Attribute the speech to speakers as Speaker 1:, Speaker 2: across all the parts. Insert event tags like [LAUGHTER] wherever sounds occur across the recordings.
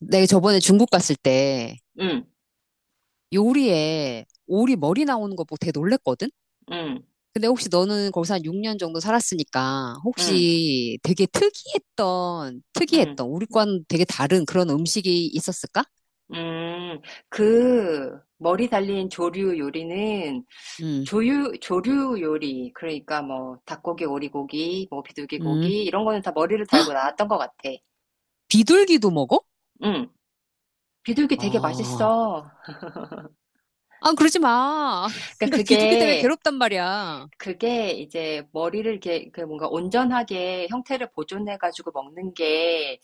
Speaker 1: 내가 저번에 중국 갔을 때
Speaker 2: 응,
Speaker 1: 요리에 오리 머리 나오는 거 보고 되게 놀랬거든?
Speaker 2: 응,
Speaker 1: 근데 혹시 너는 거기서 한 6년 정도 살았으니까
Speaker 2: 응,
Speaker 1: 혹시 되게 특이했던,
Speaker 2: 응,
Speaker 1: 특이했던, 우리과는 되게 다른 그런 음식이 있었을까?
Speaker 2: 음. 그 머리 달린 조류 요리는
Speaker 1: 음,
Speaker 2: 조류 요리 그러니까 뭐 닭고기, 오리고기, 뭐 비둘기
Speaker 1: 음.
Speaker 2: 고기 이런 거는 다 머리를 달고 나왔던 것 같아.
Speaker 1: 비둘기도 먹어?
Speaker 2: 응, 비둘기 되게
Speaker 1: 아,
Speaker 2: 맛있어.
Speaker 1: 아, 그러지 마. [LAUGHS]
Speaker 2: 그러니까
Speaker 1: 나 비둘기 때문에
Speaker 2: 그게
Speaker 1: 괴롭단 말이야.
Speaker 2: 그게 이제 머리를 이렇게 그 뭔가 온전하게 형태를 보존해가지고 먹는 게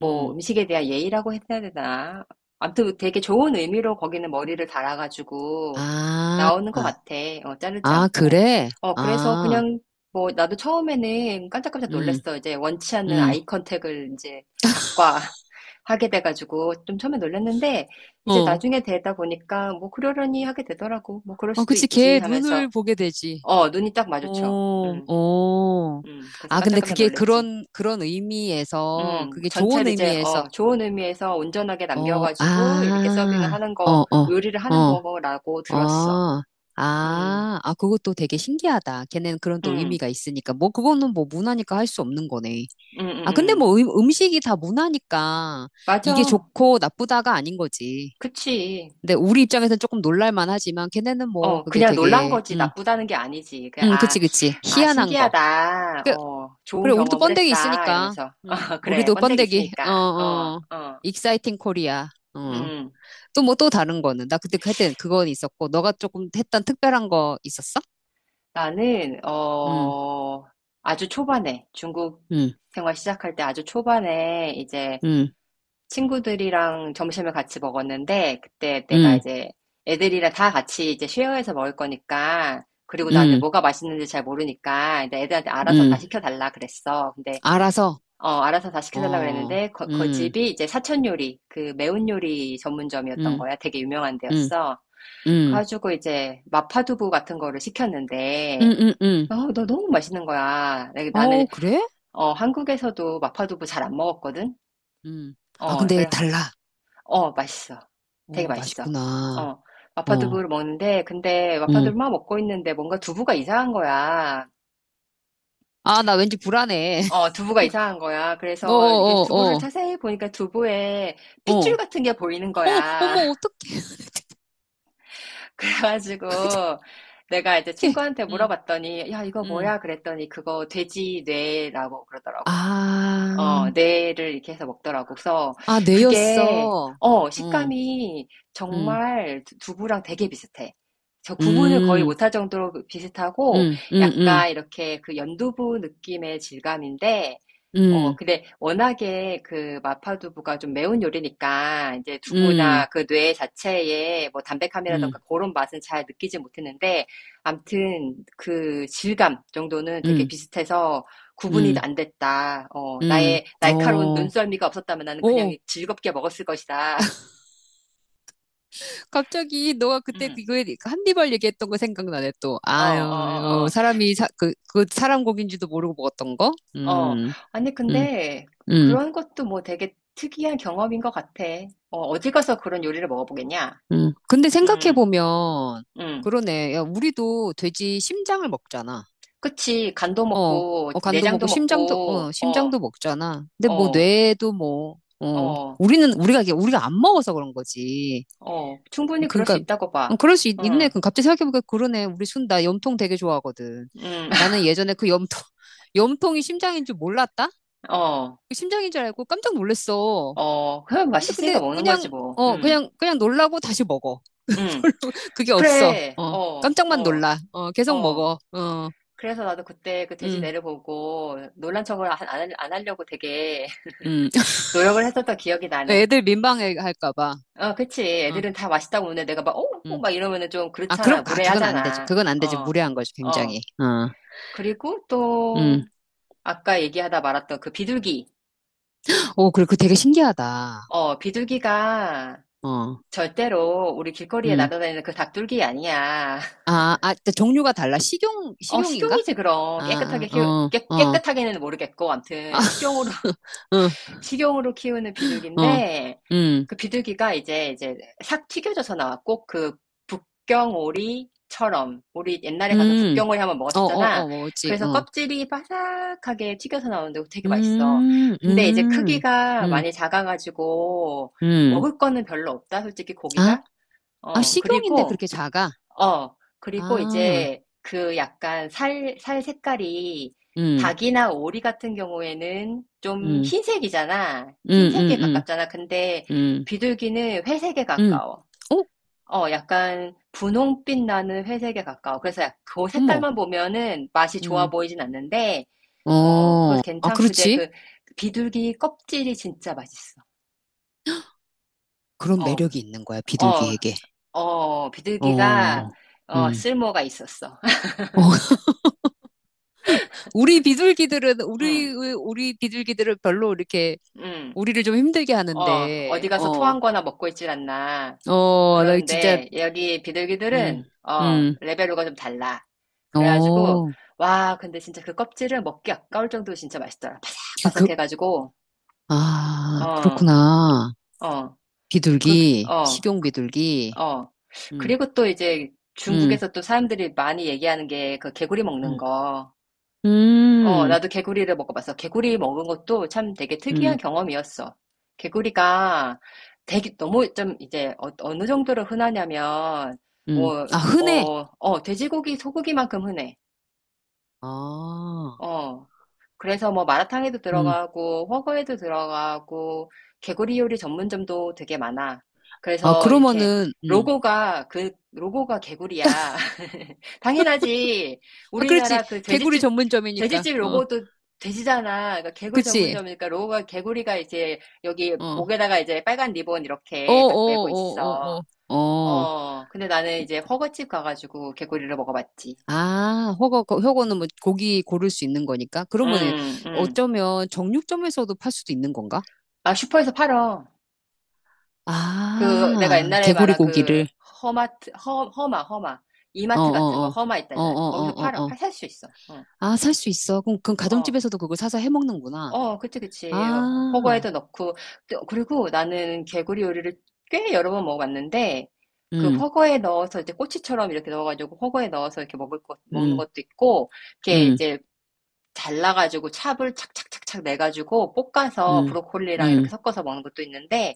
Speaker 2: 뭐
Speaker 1: 음,
Speaker 2: 음식에 대한 예의라고 해야 되나? 아무튼 되게 좋은 의미로 거기는 머리를 달아가지고
Speaker 1: 아,
Speaker 2: 나오는 것 같아. 어, 자르지
Speaker 1: 아,
Speaker 2: 않고.
Speaker 1: 그래?
Speaker 2: 어, 그래서
Speaker 1: 아,
Speaker 2: 그냥 뭐 나도 처음에는 깜짝깜짝
Speaker 1: 음,
Speaker 2: 놀랐어. 이제 원치 않는
Speaker 1: 음.
Speaker 2: 아이 컨택을 이제
Speaker 1: [LAUGHS]
Speaker 2: 닭과 [LAUGHS] 하게 돼가지고 좀 처음에 놀랐는데 이제
Speaker 1: 어,
Speaker 2: 나중에 되다 보니까 뭐 그러려니 하게 되더라고. 뭐 그럴
Speaker 1: 어,
Speaker 2: 수도
Speaker 1: 그치.
Speaker 2: 있지
Speaker 1: 걔 눈을
Speaker 2: 하면서
Speaker 1: 보게 되지.
Speaker 2: 어, 눈이 딱 마주쳐.
Speaker 1: 오, 오.
Speaker 2: 그래서
Speaker 1: 아, 근데
Speaker 2: 깜짝깜짝
Speaker 1: 그게
Speaker 2: 놀랬지.
Speaker 1: 그런 의미에서, 그게 좋은
Speaker 2: 전체를 이제,
Speaker 1: 의미에서,
Speaker 2: 어, 좋은 의미에서 온전하게
Speaker 1: 어,
Speaker 2: 남겨가지고, 이렇게 서빙을
Speaker 1: 아,
Speaker 2: 하는
Speaker 1: 어,
Speaker 2: 거,
Speaker 1: 어,
Speaker 2: 요리를 하는
Speaker 1: 어,
Speaker 2: 거라고 들었어.
Speaker 1: 어,
Speaker 2: 음,
Speaker 1: 아, 아, 그것도 되게 신기하다. 걔네는 그런 또
Speaker 2: 음,
Speaker 1: 의미가 있으니까. 뭐, 그거는 뭐 문화니까 할 수 없는 거네.
Speaker 2: 음,
Speaker 1: 아,
Speaker 2: 음,
Speaker 1: 근데
Speaker 2: 음.
Speaker 1: 뭐 음식이 다 문화니까 이게
Speaker 2: 맞아.
Speaker 1: 좋고 나쁘다가 아닌 거지.
Speaker 2: 그치.
Speaker 1: 근데 우리 입장에서는 조금 놀랄만 하지만 걔네는 뭐
Speaker 2: 어,
Speaker 1: 그게
Speaker 2: 그냥 놀란
Speaker 1: 되게,
Speaker 2: 거지. 나쁘다는 게 아니지. 그냥, 아,
Speaker 1: 그치, 그치.
Speaker 2: 아,
Speaker 1: 희한한 거.
Speaker 2: 신기하다.
Speaker 1: 그,
Speaker 2: 어, 좋은
Speaker 1: 그래, 우리도
Speaker 2: 경험을
Speaker 1: 번데기
Speaker 2: 했다.
Speaker 1: 있으니까.
Speaker 2: 이러면서, [LAUGHS] 어, 그래.
Speaker 1: 우리도
Speaker 2: 번데기
Speaker 1: 번데기. 어,
Speaker 2: 있으니까. 어,
Speaker 1: 어.
Speaker 2: 어,
Speaker 1: 익사이팅 코리아. 어.
Speaker 2: 음.
Speaker 1: 또 뭐 또 다른 거는. 나 그때 할땐 그건 있었고, 너가 조금 했던 특별한 거 있었어?
Speaker 2: 나는
Speaker 1: 응.
Speaker 2: 아주 초반에 중국
Speaker 1: 응.
Speaker 2: 생활 시작할 때 아주 초반에 이제
Speaker 1: 응.
Speaker 2: 친구들이랑 점심을 같이 먹었는데 그때 내가
Speaker 1: 응.
Speaker 2: 이제 애들이랑 다 같이 이제 쉐어해서 먹을 거니까 그리고 나는
Speaker 1: 응.
Speaker 2: 뭐가 맛있는지 잘 모르니까 이제 애들한테 알아서 다
Speaker 1: 응.
Speaker 2: 시켜달라 그랬어. 근데
Speaker 1: 알아서.
Speaker 2: 알아서 다 시켜달라
Speaker 1: 어,
Speaker 2: 그랬는데 그
Speaker 1: 응.
Speaker 2: 집이 이제 사천 요리 그 매운 요리 전문점이었던
Speaker 1: 응.
Speaker 2: 거야. 되게 유명한
Speaker 1: 응.
Speaker 2: 데였어.
Speaker 1: 응.
Speaker 2: 그래가지고 이제 마파두부 같은 거를
Speaker 1: 응.
Speaker 2: 시켰는데
Speaker 1: 응. 응.
Speaker 2: 어, 너 너무 맛있는 거야. 나는
Speaker 1: 어, 그래?
Speaker 2: 어, 한국에서도 마파두부 잘 안 먹었거든.
Speaker 1: 응. 아,
Speaker 2: 어,
Speaker 1: 근데
Speaker 2: 그래.
Speaker 1: 달라.
Speaker 2: 어, 맛있어. 되게
Speaker 1: 어,
Speaker 2: 맛있어.
Speaker 1: 맛있구나.
Speaker 2: 어,
Speaker 1: 어,
Speaker 2: 마파두부를 먹는데 근데
Speaker 1: 응.
Speaker 2: 마파두부만 먹고 있는데 뭔가 두부가 이상한 거야.
Speaker 1: 아, 나 왠지 불안해.
Speaker 2: 어, 두부가
Speaker 1: [LAUGHS]
Speaker 2: 이상한 거야.
Speaker 1: 어,
Speaker 2: 그래서 이게
Speaker 1: 어,
Speaker 2: 두부를
Speaker 1: 어,
Speaker 2: 자세히 보니까 두부에 핏줄
Speaker 1: 어.
Speaker 2: 같은 게 보이는
Speaker 1: 어머,
Speaker 2: 거야.
Speaker 1: 어머, 어떡해.
Speaker 2: [LAUGHS] 그래가지고
Speaker 1: [LAUGHS]
Speaker 2: 내가 이제
Speaker 1: 어떡해.
Speaker 2: 친구한테
Speaker 1: 응,
Speaker 2: 물어봤더니 야, 이거
Speaker 1: 응.
Speaker 2: 뭐야? 그랬더니 그거 돼지 뇌라고 그러더라고.
Speaker 1: 아,
Speaker 2: 어, 뇌를 이렇게 해서 먹더라고. 그래서
Speaker 1: 아,
Speaker 2: 그게,
Speaker 1: 내였어.
Speaker 2: 어,
Speaker 1: 어,
Speaker 2: 식감이
Speaker 1: 응,
Speaker 2: 정말 두부랑 되게 비슷해. 저 구분을 거의
Speaker 1: 응,
Speaker 2: 못할 정도로 비슷하고,
Speaker 1: 응, 응, 응,
Speaker 2: 약간 이렇게 그 연두부 느낌의 질감인데, 어,
Speaker 1: 응,
Speaker 2: 근데 워낙에 그 마파두부가 좀 매운 요리니까, 이제
Speaker 1: 응,
Speaker 2: 두부나 그 뇌 자체에 뭐 담백함이라던가 그런 맛은 잘 느끼지 못했는데, 암튼 그 질감 정도는 되게
Speaker 1: 응,
Speaker 2: 비슷해서, 구분이
Speaker 1: 응,
Speaker 2: 안 됐다. 어,
Speaker 1: 응,
Speaker 2: 나의 날카로운
Speaker 1: 어.
Speaker 2: 눈썰미가 없었다면 나는
Speaker 1: 오,
Speaker 2: 그냥 즐겁게 먹었을 것이다.
Speaker 1: 갑자기 너가 그때
Speaker 2: 음.
Speaker 1: 그거에 한니발 얘기했던 거 생각나네 또.
Speaker 2: 어, 어,
Speaker 1: 아유,
Speaker 2: 어,
Speaker 1: 이거
Speaker 2: 어,
Speaker 1: 사람이 사, 그, 그 사람 고기인지도 모르고 먹었던 거?
Speaker 2: 어. 어. 아니,
Speaker 1: 음,
Speaker 2: 근데
Speaker 1: 음.
Speaker 2: 그런 것도 뭐 되게 특이한 경험인 것 같아. 어, 어디 가서 그런 요리를 먹어보겠냐?
Speaker 1: 음. 근데
Speaker 2: 음,
Speaker 1: 생각해보면,
Speaker 2: 음.
Speaker 1: 그러네. 야, 우리도 돼지 심장을 먹잖아.
Speaker 2: 그치. 간도
Speaker 1: 어,
Speaker 2: 먹고,
Speaker 1: 어, 간도
Speaker 2: 내장도
Speaker 1: 먹고, 심장도,
Speaker 2: 먹고,
Speaker 1: 어,
Speaker 2: 어,
Speaker 1: 심장도 먹잖아. 근데 뭐,
Speaker 2: 어,
Speaker 1: 뇌도 뭐, 어,
Speaker 2: 어,
Speaker 1: 우리는, 우리가, 이게 우리가 안 먹어서 그런 거지.
Speaker 2: 어. 충분히 그럴 수
Speaker 1: 그러니까,
Speaker 2: 있다고
Speaker 1: 어,
Speaker 2: 봐.
Speaker 1: 그럴 수 있, 네
Speaker 2: 응
Speaker 1: 그럼 갑자기 생각해보니까 그러네. 우리 순, 나 염통 되게 좋아하거든.
Speaker 2: 응.
Speaker 1: 나는
Speaker 2: [LAUGHS]
Speaker 1: 예전에 그 염통, [LAUGHS] 염통이 심장인 줄 몰랐다?
Speaker 2: 어,
Speaker 1: 그 심장인 줄 알고 깜짝 놀랐어.
Speaker 2: 어. 그냥
Speaker 1: 근데,
Speaker 2: 맛있으니까
Speaker 1: 근데,
Speaker 2: 먹는 거지,
Speaker 1: 그냥,
Speaker 2: 뭐.
Speaker 1: 어, 그냥 놀라고 다시 먹어.
Speaker 2: 음.
Speaker 1: [LAUGHS] 그게 없어.
Speaker 2: 그래.
Speaker 1: 어,
Speaker 2: 어.
Speaker 1: 깜짝만
Speaker 2: 어.
Speaker 1: 놀라. 어, 계속
Speaker 2: 어.
Speaker 1: 먹어. 어,
Speaker 2: 그래서 나도 그때 그 돼지
Speaker 1: 음,
Speaker 2: 내를 보고 놀란 척을 안 하려고 되게
Speaker 1: 음. [LAUGHS]
Speaker 2: [LAUGHS] 노력을 했었던 기억이 나네.
Speaker 1: 애들 민망해 할까 봐.
Speaker 2: 어, 그치.
Speaker 1: 어,
Speaker 2: 애들은 다 맛있다고 오는데 내가 막, 어? 어,
Speaker 1: 음.
Speaker 2: 막 이러면은 좀
Speaker 1: 아, 그럼,
Speaker 2: 그렇잖아.
Speaker 1: 아, 그건 안 되지.
Speaker 2: 무례하잖아.
Speaker 1: 그건 안 되지.
Speaker 2: 어.
Speaker 1: 무례한 거지,
Speaker 2: 어.
Speaker 1: 굉장히. 어,
Speaker 2: 그리고 또
Speaker 1: 음.
Speaker 2: 아까 얘기하다 말았던 그 비둘기.
Speaker 1: 오, 그리고 되게 신기하다.
Speaker 2: 어, 비둘기가
Speaker 1: 어,
Speaker 2: 절대로 우리 길거리에
Speaker 1: 음.
Speaker 2: 날아다니는 그 닭둘기 아니야. [LAUGHS]
Speaker 1: 아, 아, 근데 종류가 달라. 식용,
Speaker 2: 어,
Speaker 1: 식용인가?
Speaker 2: 식용이지, 그럼. 깨끗하게
Speaker 1: 아,
Speaker 2: 키우,
Speaker 1: 어,
Speaker 2: 깨,
Speaker 1: 어,
Speaker 2: 깨끗하게는 모르겠고,
Speaker 1: 아,
Speaker 2: 암튼, 식용으로
Speaker 1: [LAUGHS] 어,
Speaker 2: 식용으로 키우는
Speaker 1: 어,
Speaker 2: 비둘기인데
Speaker 1: 음,
Speaker 2: 그 비둘기가 이제 싹 튀겨져서 나왔고 그 북경오리처럼 우리 옛날에 가서
Speaker 1: 음,
Speaker 2: 북경오리 한번
Speaker 1: 어, 어,
Speaker 2: 먹었었잖아.
Speaker 1: 어, 뭐지,
Speaker 2: 그래서
Speaker 1: 어,
Speaker 2: 껍질이 바삭하게 튀겨서 나오는데 되게 맛있어.
Speaker 1: 음,
Speaker 2: 근데 이제
Speaker 1: 음,
Speaker 2: 크기가
Speaker 1: 음,
Speaker 2: 많이 작아가지고
Speaker 1: 음.
Speaker 2: 먹을 거는 별로 없다. 솔직히
Speaker 1: 아,
Speaker 2: 고기가.
Speaker 1: 아,
Speaker 2: 어,
Speaker 1: 식용인데
Speaker 2: 그리고
Speaker 1: 그렇게 작아?
Speaker 2: 어, 그리고
Speaker 1: 아,
Speaker 2: 이제 그 약간 살 색깔이
Speaker 1: 음,
Speaker 2: 닭이나 오리 같은 경우에는 좀
Speaker 1: 음,
Speaker 2: 흰색이잖아.
Speaker 1: 음,
Speaker 2: 흰색에
Speaker 1: 음,
Speaker 2: 가깝잖아. 근데
Speaker 1: 음, 음,
Speaker 2: 비둘기는 회색에
Speaker 1: 음.
Speaker 2: 가까워.
Speaker 1: 어?
Speaker 2: 어, 약간 분홍빛 나는 회색에 가까워. 그래서 그
Speaker 1: 어머,
Speaker 2: 색깔만 보면은 맛이 좋아
Speaker 1: 음.
Speaker 2: 보이진 않는데, 어,
Speaker 1: 어,
Speaker 2: 그래서
Speaker 1: 아,
Speaker 2: 괜찮고, 근데
Speaker 1: 그렇지.
Speaker 2: 그 비둘기 껍질이 진짜 맛있어.
Speaker 1: 그런
Speaker 2: 어, 그-
Speaker 1: 매력이 있는 거야,
Speaker 2: 어,
Speaker 1: 비둘기에게.
Speaker 2: 어, 비둘기가,
Speaker 1: 어,
Speaker 2: 어,
Speaker 1: 음.
Speaker 2: 쓸모가 있었어. [LAUGHS]
Speaker 1: 어, [LAUGHS] 우리 비둘기들은,
Speaker 2: 응,
Speaker 1: 우리, 우리 비둘기들은 별로 이렇게,
Speaker 2: 응.
Speaker 1: 우리를 좀 힘들게
Speaker 2: 어,
Speaker 1: 하는데,
Speaker 2: 어디 가서
Speaker 1: 어,
Speaker 2: 토한 거나 먹고 있질 않나.
Speaker 1: 어, 나 진짜,
Speaker 2: 그러는데 여기 비둘기들은
Speaker 1: 음, 음,
Speaker 2: 레벨로가 좀 달라. 그래가지고
Speaker 1: 어,
Speaker 2: 와, 근데 진짜 그 껍질을 먹기 아까울 정도로 진짜 맛있더라.
Speaker 1: 그, 그,
Speaker 2: 바삭바삭해가지고
Speaker 1: 아,
Speaker 2: 어,
Speaker 1: 그렇구나.
Speaker 2: 어, 그,
Speaker 1: 비둘기,
Speaker 2: 어,
Speaker 1: 식용 비둘기,
Speaker 2: 어.
Speaker 1: 음,
Speaker 2: 그리고 또 이제
Speaker 1: 음,
Speaker 2: 중국에서 또 사람들이 많이 얘기하는 게 그 개구리 먹는
Speaker 1: 음.
Speaker 2: 거. 어,
Speaker 1: 음.
Speaker 2: 나도 개구리를 먹어봤어. 개구리 먹은 것도 참 되게 특이한
Speaker 1: 음,
Speaker 2: 경험이었어. 개구리가 되게 너무 좀 이제 어느 정도로 흔하냐면, 뭐,
Speaker 1: 아, 흔해.
Speaker 2: 돼지고기, 소고기만큼 흔해.
Speaker 1: 아,
Speaker 2: 어, 그래서 뭐 마라탕에도
Speaker 1: 음.
Speaker 2: 들어가고 훠궈에도 들어가고 개구리 요리 전문점도 되게 많아.
Speaker 1: 아,
Speaker 2: 그래서 이렇게
Speaker 1: 그러면은,
Speaker 2: 로고가 개구리야. [LAUGHS] 당연하지.
Speaker 1: 아, 그렇지.
Speaker 2: 우리나라 그
Speaker 1: 개구리
Speaker 2: 돼지집
Speaker 1: 전문점이니까.
Speaker 2: 돼지집
Speaker 1: 어,
Speaker 2: 로고도 돼지잖아. 그러니까 개구리
Speaker 1: 그치.
Speaker 2: 전문점이니까 로고가 개구리가 이제 여기
Speaker 1: 어, 어,
Speaker 2: 목에다가 이제 빨간 리본
Speaker 1: 어, 어,
Speaker 2: 이렇게 딱 메고 있어.
Speaker 1: 어, 어. 어.
Speaker 2: 어. 근데 나는 이제 훠궈집 가가지고 개구리를 먹어봤지.
Speaker 1: 아, 허거는 뭐 고기 고를 수 있는 거니까. 그러면
Speaker 2: 음, 음.
Speaker 1: 어쩌면 정육점에서도 팔 수도 있는 건가?
Speaker 2: 아, 슈퍼에서 팔어. 그 내가
Speaker 1: 아,
Speaker 2: 옛날에
Speaker 1: 개구리
Speaker 2: 말한 그
Speaker 1: 고기를.
Speaker 2: 허마
Speaker 1: 어, 어,
Speaker 2: 이마트 같은 거
Speaker 1: 어.
Speaker 2: 허마
Speaker 1: 어, 어,
Speaker 2: 있다잖아요. 거기서
Speaker 1: 어, 어,
Speaker 2: 팔아
Speaker 1: 어.
Speaker 2: 팔 살 수 있어. 응.
Speaker 1: 아, 살 수 있어. 그럼
Speaker 2: 어.
Speaker 1: 가정집에서도 그걸 사서 해 먹는구나.
Speaker 2: 어, 그치, 그치. 어,
Speaker 1: 아,
Speaker 2: 호거에도 넣고. 그리고 나는 개구리 요리를 꽤 여러 번 먹어봤는데, 그
Speaker 1: 음,
Speaker 2: 허거에 넣어서 이제 꼬치처럼 이렇게 넣어가지고 허거에 넣어서 이렇게 먹는
Speaker 1: 음,
Speaker 2: 것도 있고, 이렇게
Speaker 1: 음.
Speaker 2: 이제 잘라가지고 찹을 착착착착 내가지고 볶아서
Speaker 1: 음,
Speaker 2: 브로콜리랑 이렇게
Speaker 1: 음,
Speaker 2: 섞어서 먹는 것도 있는데,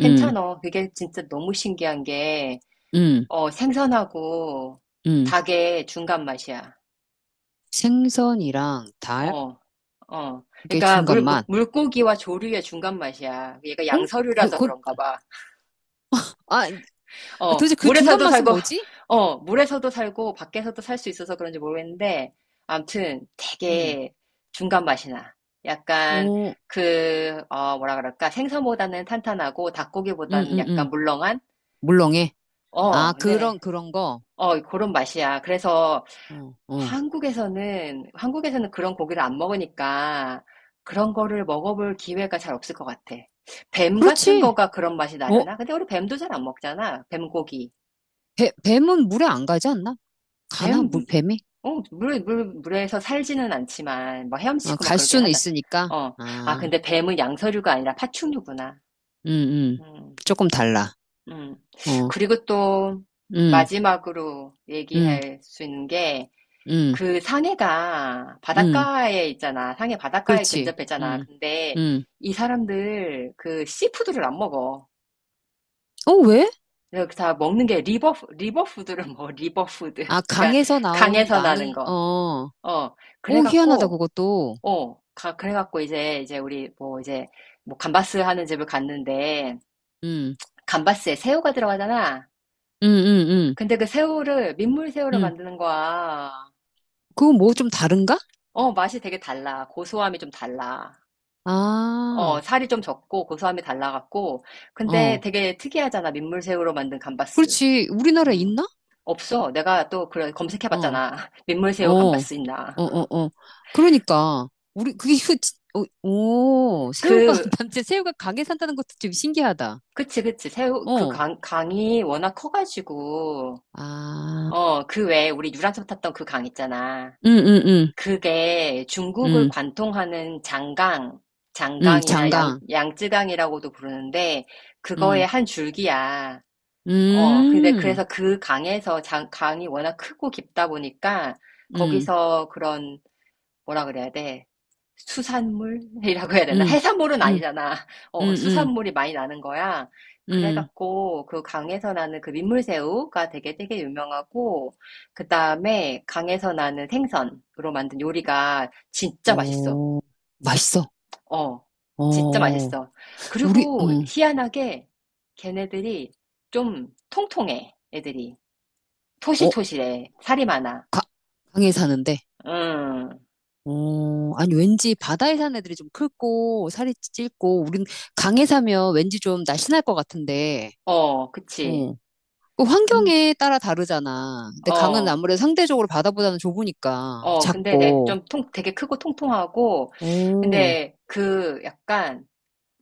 Speaker 1: 음,
Speaker 2: 그게 진짜 너무 신기한 게,
Speaker 1: 음,
Speaker 2: 어, 생선하고
Speaker 1: 음.
Speaker 2: 닭의 중간 맛이야.
Speaker 1: 생선이랑 닭의
Speaker 2: 어, 어. 그러니까 물, 물-
Speaker 1: 중간맛.
Speaker 2: 물고기와 조류의 중간 맛이야. 얘가
Speaker 1: 어? 그,
Speaker 2: 양서류라서
Speaker 1: 그,
Speaker 2: 그런가 봐.
Speaker 1: 아,
Speaker 2: 어,
Speaker 1: 도대체 그 중간
Speaker 2: 물에서도
Speaker 1: 맛은
Speaker 2: 살고,
Speaker 1: 뭐지?
Speaker 2: 물에서도 살고, 밖에서도 살 수 있어서 그런지 모르겠는데, 암튼
Speaker 1: 음,
Speaker 2: 되게 중간 맛이 나. 약간
Speaker 1: 오,
Speaker 2: 뭐라 그럴까? 생선보다는 탄탄하고
Speaker 1: 음,
Speaker 2: 닭고기보다는
Speaker 1: 음,
Speaker 2: 약간
Speaker 1: 음.
Speaker 2: 물렁한?
Speaker 1: 물렁해.
Speaker 2: 어,
Speaker 1: 아,
Speaker 2: 근데,
Speaker 1: 그런 거.
Speaker 2: 그런 맛이야. 그래서
Speaker 1: 어, 어.
Speaker 2: 한국에서는 그런 고기를 안 먹으니까 그런 거를 먹어볼 기회가 잘 없을 것 같아. 뱀 같은
Speaker 1: 그렇지.
Speaker 2: 거가 그런 맛이
Speaker 1: 어,
Speaker 2: 나려나? 근데 우리 뱀도 잘 안 먹잖아. 뱀고기.
Speaker 1: 배, 뱀은 물에 안 가지 않나? 가나, 물,
Speaker 2: 뱀.
Speaker 1: 뱀이?
Speaker 2: 어, 물에서 살지는 않지만, 막
Speaker 1: 아,
Speaker 2: 헤엄치고 막
Speaker 1: 갈
Speaker 2: 그러긴
Speaker 1: 수는
Speaker 2: 하잖아.
Speaker 1: 있으니까.
Speaker 2: 어. 아,
Speaker 1: 아,
Speaker 2: 근데 뱀은 양서류가 아니라 파충류구나.
Speaker 1: 음, 음.
Speaker 2: 음,
Speaker 1: 조금 달라.
Speaker 2: 음.
Speaker 1: 어,
Speaker 2: 그리고 또,
Speaker 1: 음,
Speaker 2: 마지막으로
Speaker 1: 음,
Speaker 2: 얘기할 수 있는 게,
Speaker 1: 음,
Speaker 2: 그 상해가
Speaker 1: 음.
Speaker 2: 바닷가에 있잖아. 상해 바닷가에
Speaker 1: 그렇지.
Speaker 2: 근접했잖아. 근데
Speaker 1: 음.
Speaker 2: 이 사람들 그 씨푸드를 안 먹어.
Speaker 1: 어, 왜?
Speaker 2: 그래서 다 먹는 게 리버푸드를 먹어. 리버푸드.
Speaker 1: 아,
Speaker 2: 그러니까
Speaker 1: 강에서 나온
Speaker 2: 강에서 나는
Speaker 1: 나는,
Speaker 2: 거.
Speaker 1: 어,
Speaker 2: 어.
Speaker 1: 오, 희한하다,
Speaker 2: 그래갖고,
Speaker 1: 그것도.
Speaker 2: 어. 그래갖고 이제, 우리 뭐 이제 뭐 감바스 하는 집을 갔는데
Speaker 1: 음,
Speaker 2: 감바스에 새우가 들어가잖아.
Speaker 1: 음, 음,
Speaker 2: 근데 그 새우를 민물
Speaker 1: 음,
Speaker 2: 새우로
Speaker 1: 음.
Speaker 2: 만드는 거야.
Speaker 1: 그거 뭐 좀 다른가?
Speaker 2: 어, 맛이 되게 달라. 고소함이 좀 달라. 어,
Speaker 1: 아,
Speaker 2: 살이 좀 적고 고소함이 달라갖고. 근데
Speaker 1: 어.
Speaker 2: 되게 특이하잖아. 민물새우로 만든 감바스.
Speaker 1: 그렇지. 우리나라에
Speaker 2: 음.
Speaker 1: 있나?
Speaker 2: 없어. 내가 또 그래
Speaker 1: 어,
Speaker 2: 검색해봤잖아. [LAUGHS]
Speaker 1: 어,
Speaker 2: 민물새우
Speaker 1: 어,
Speaker 2: 감바스 있나.
Speaker 1: 어, 어. 그러니까. 우리, 그게, 이거 진- 어, 오, 새우가,
Speaker 2: 그,
Speaker 1: [LAUGHS] 남자 새우가 강에 산다는 것도 좀 신기하다.
Speaker 2: 그치, 그치. 새우, 그
Speaker 1: 어,
Speaker 2: 강이 워낙 커가지고.
Speaker 1: 아,
Speaker 2: 어, 그 외에 우리 유람선 탔던 그 강 있잖아.
Speaker 1: 음, 음, 음,
Speaker 2: 그게 중국을
Speaker 1: 음,
Speaker 2: 관통하는 장강, 장강이나 양,
Speaker 1: 장강.
Speaker 2: 양쯔강이라고도 부르는데, 그거의
Speaker 1: 음,
Speaker 2: 한 줄기야. 어, 근데
Speaker 1: 음,
Speaker 2: 그래서 그 강에서 강이 워낙 크고 깊다 보니까
Speaker 1: 음,
Speaker 2: 거기서 그런 뭐라 그래야 돼? 수산물이라고 해야 되나?
Speaker 1: 음,
Speaker 2: 해산물은
Speaker 1: 음,
Speaker 2: 아니잖아.
Speaker 1: 음,
Speaker 2: 어,
Speaker 1: 음,
Speaker 2: 수산물이 많이 나는 거야.
Speaker 1: 음.
Speaker 2: 그래갖고 그 강에서 나는 그 민물새우가 되게 되게 유명하고 그다음에 강에서 나는 생선으로 만든 요리가 진짜 맛있어.
Speaker 1: 어, 맛있어.
Speaker 2: 어, 진짜
Speaker 1: 어,
Speaker 2: 맛있어.
Speaker 1: 우리,
Speaker 2: 그리고
Speaker 1: 응,
Speaker 2: 희한하게 걔네들이 좀 통통해, 애들이.
Speaker 1: 어,
Speaker 2: 토실토실해. 살이 많아.
Speaker 1: 가, 강에 사는데.
Speaker 2: 응.
Speaker 1: 어, 아니, 왠지 바다에 사는 애들이 좀 크고, 살이 찔고, 우린 강에 사면 왠지 좀 날씬할 것 같은데,
Speaker 2: 어, 그치.
Speaker 1: 어, 그
Speaker 2: 근,
Speaker 1: 환경에 따라 다르잖아. 근데 강은
Speaker 2: 어,
Speaker 1: 아무래도 상대적으로 바다보다는 좁으니까,
Speaker 2: 근데
Speaker 1: 작고,
Speaker 2: 되게 크고 통통하고,
Speaker 1: 어,
Speaker 2: 근데 그 약간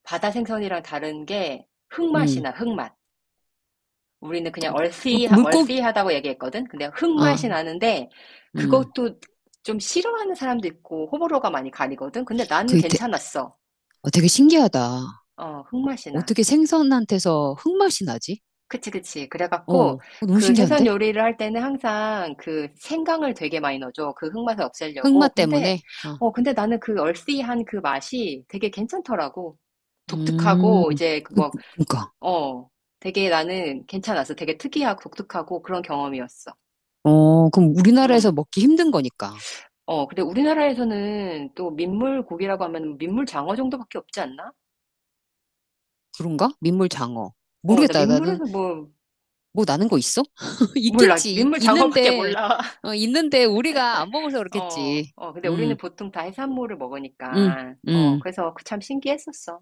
Speaker 2: 바다 생선이랑 다른 게 흙맛이
Speaker 1: 응.
Speaker 2: 나, 흙맛. 우리는 그냥
Speaker 1: 물,
Speaker 2: 얼씨,
Speaker 1: 물고기,
Speaker 2: 얼씨하다고 얘기했거든? 근데 흙맛이
Speaker 1: 아,
Speaker 2: 나는데,
Speaker 1: 음,
Speaker 2: 그것도 좀 싫어하는 사람도 있고, 호불호가 많이 가리거든? 근데 나는
Speaker 1: 그, 되,
Speaker 2: 괜찮았어.
Speaker 1: 되게 신기하다.
Speaker 2: 어, 흙맛이 나.
Speaker 1: 어떻게 생선한테서 흙맛이 나지?
Speaker 2: 그치, 그치.
Speaker 1: 어,
Speaker 2: 그래갖고,
Speaker 1: 어, 너무
Speaker 2: 그 해산
Speaker 1: 신기한데?
Speaker 2: 요리를 할 때는 항상 그 생강을 되게 많이 넣어줘. 그 흙맛을
Speaker 1: 흑마
Speaker 2: 없애려고. 근데,
Speaker 1: 때문에? 어.
Speaker 2: 어, 근데 나는 그 얼씨한 그 맛이 되게 괜찮더라고.
Speaker 1: 음,
Speaker 2: 독특하고, 이제, 그
Speaker 1: 그,
Speaker 2: 뭐,
Speaker 1: 그니까.
Speaker 2: 어, 되게 나는 괜찮았어. 되게 특이하고 독특하고 그런 경험이었어.
Speaker 1: 어, 그럼
Speaker 2: 응.
Speaker 1: 우리나라에서 먹기 힘든 거니까.
Speaker 2: 어, 근데 우리나라에서는 또 민물 고기라고 하면 민물 장어 정도밖에 없지 않나?
Speaker 1: 그런가? 민물 장어.
Speaker 2: 어, 나
Speaker 1: 모르겠다. 나는,
Speaker 2: 민물에서 뭐,
Speaker 1: 뭐 나는 거 있어? [LAUGHS]
Speaker 2: 몰라.
Speaker 1: 있겠지. 있-
Speaker 2: 민물 장어밖에
Speaker 1: 있는데,
Speaker 2: 몰라.
Speaker 1: 어, 있는데 우리가 안 먹어서
Speaker 2: 어,
Speaker 1: 그렇겠지.
Speaker 2: 어, 근데 우리는
Speaker 1: 음,
Speaker 2: 보통 다 해산물을
Speaker 1: 음,
Speaker 2: 먹으니까,
Speaker 1: 음.
Speaker 2: 그래서 그 참 신기했었어.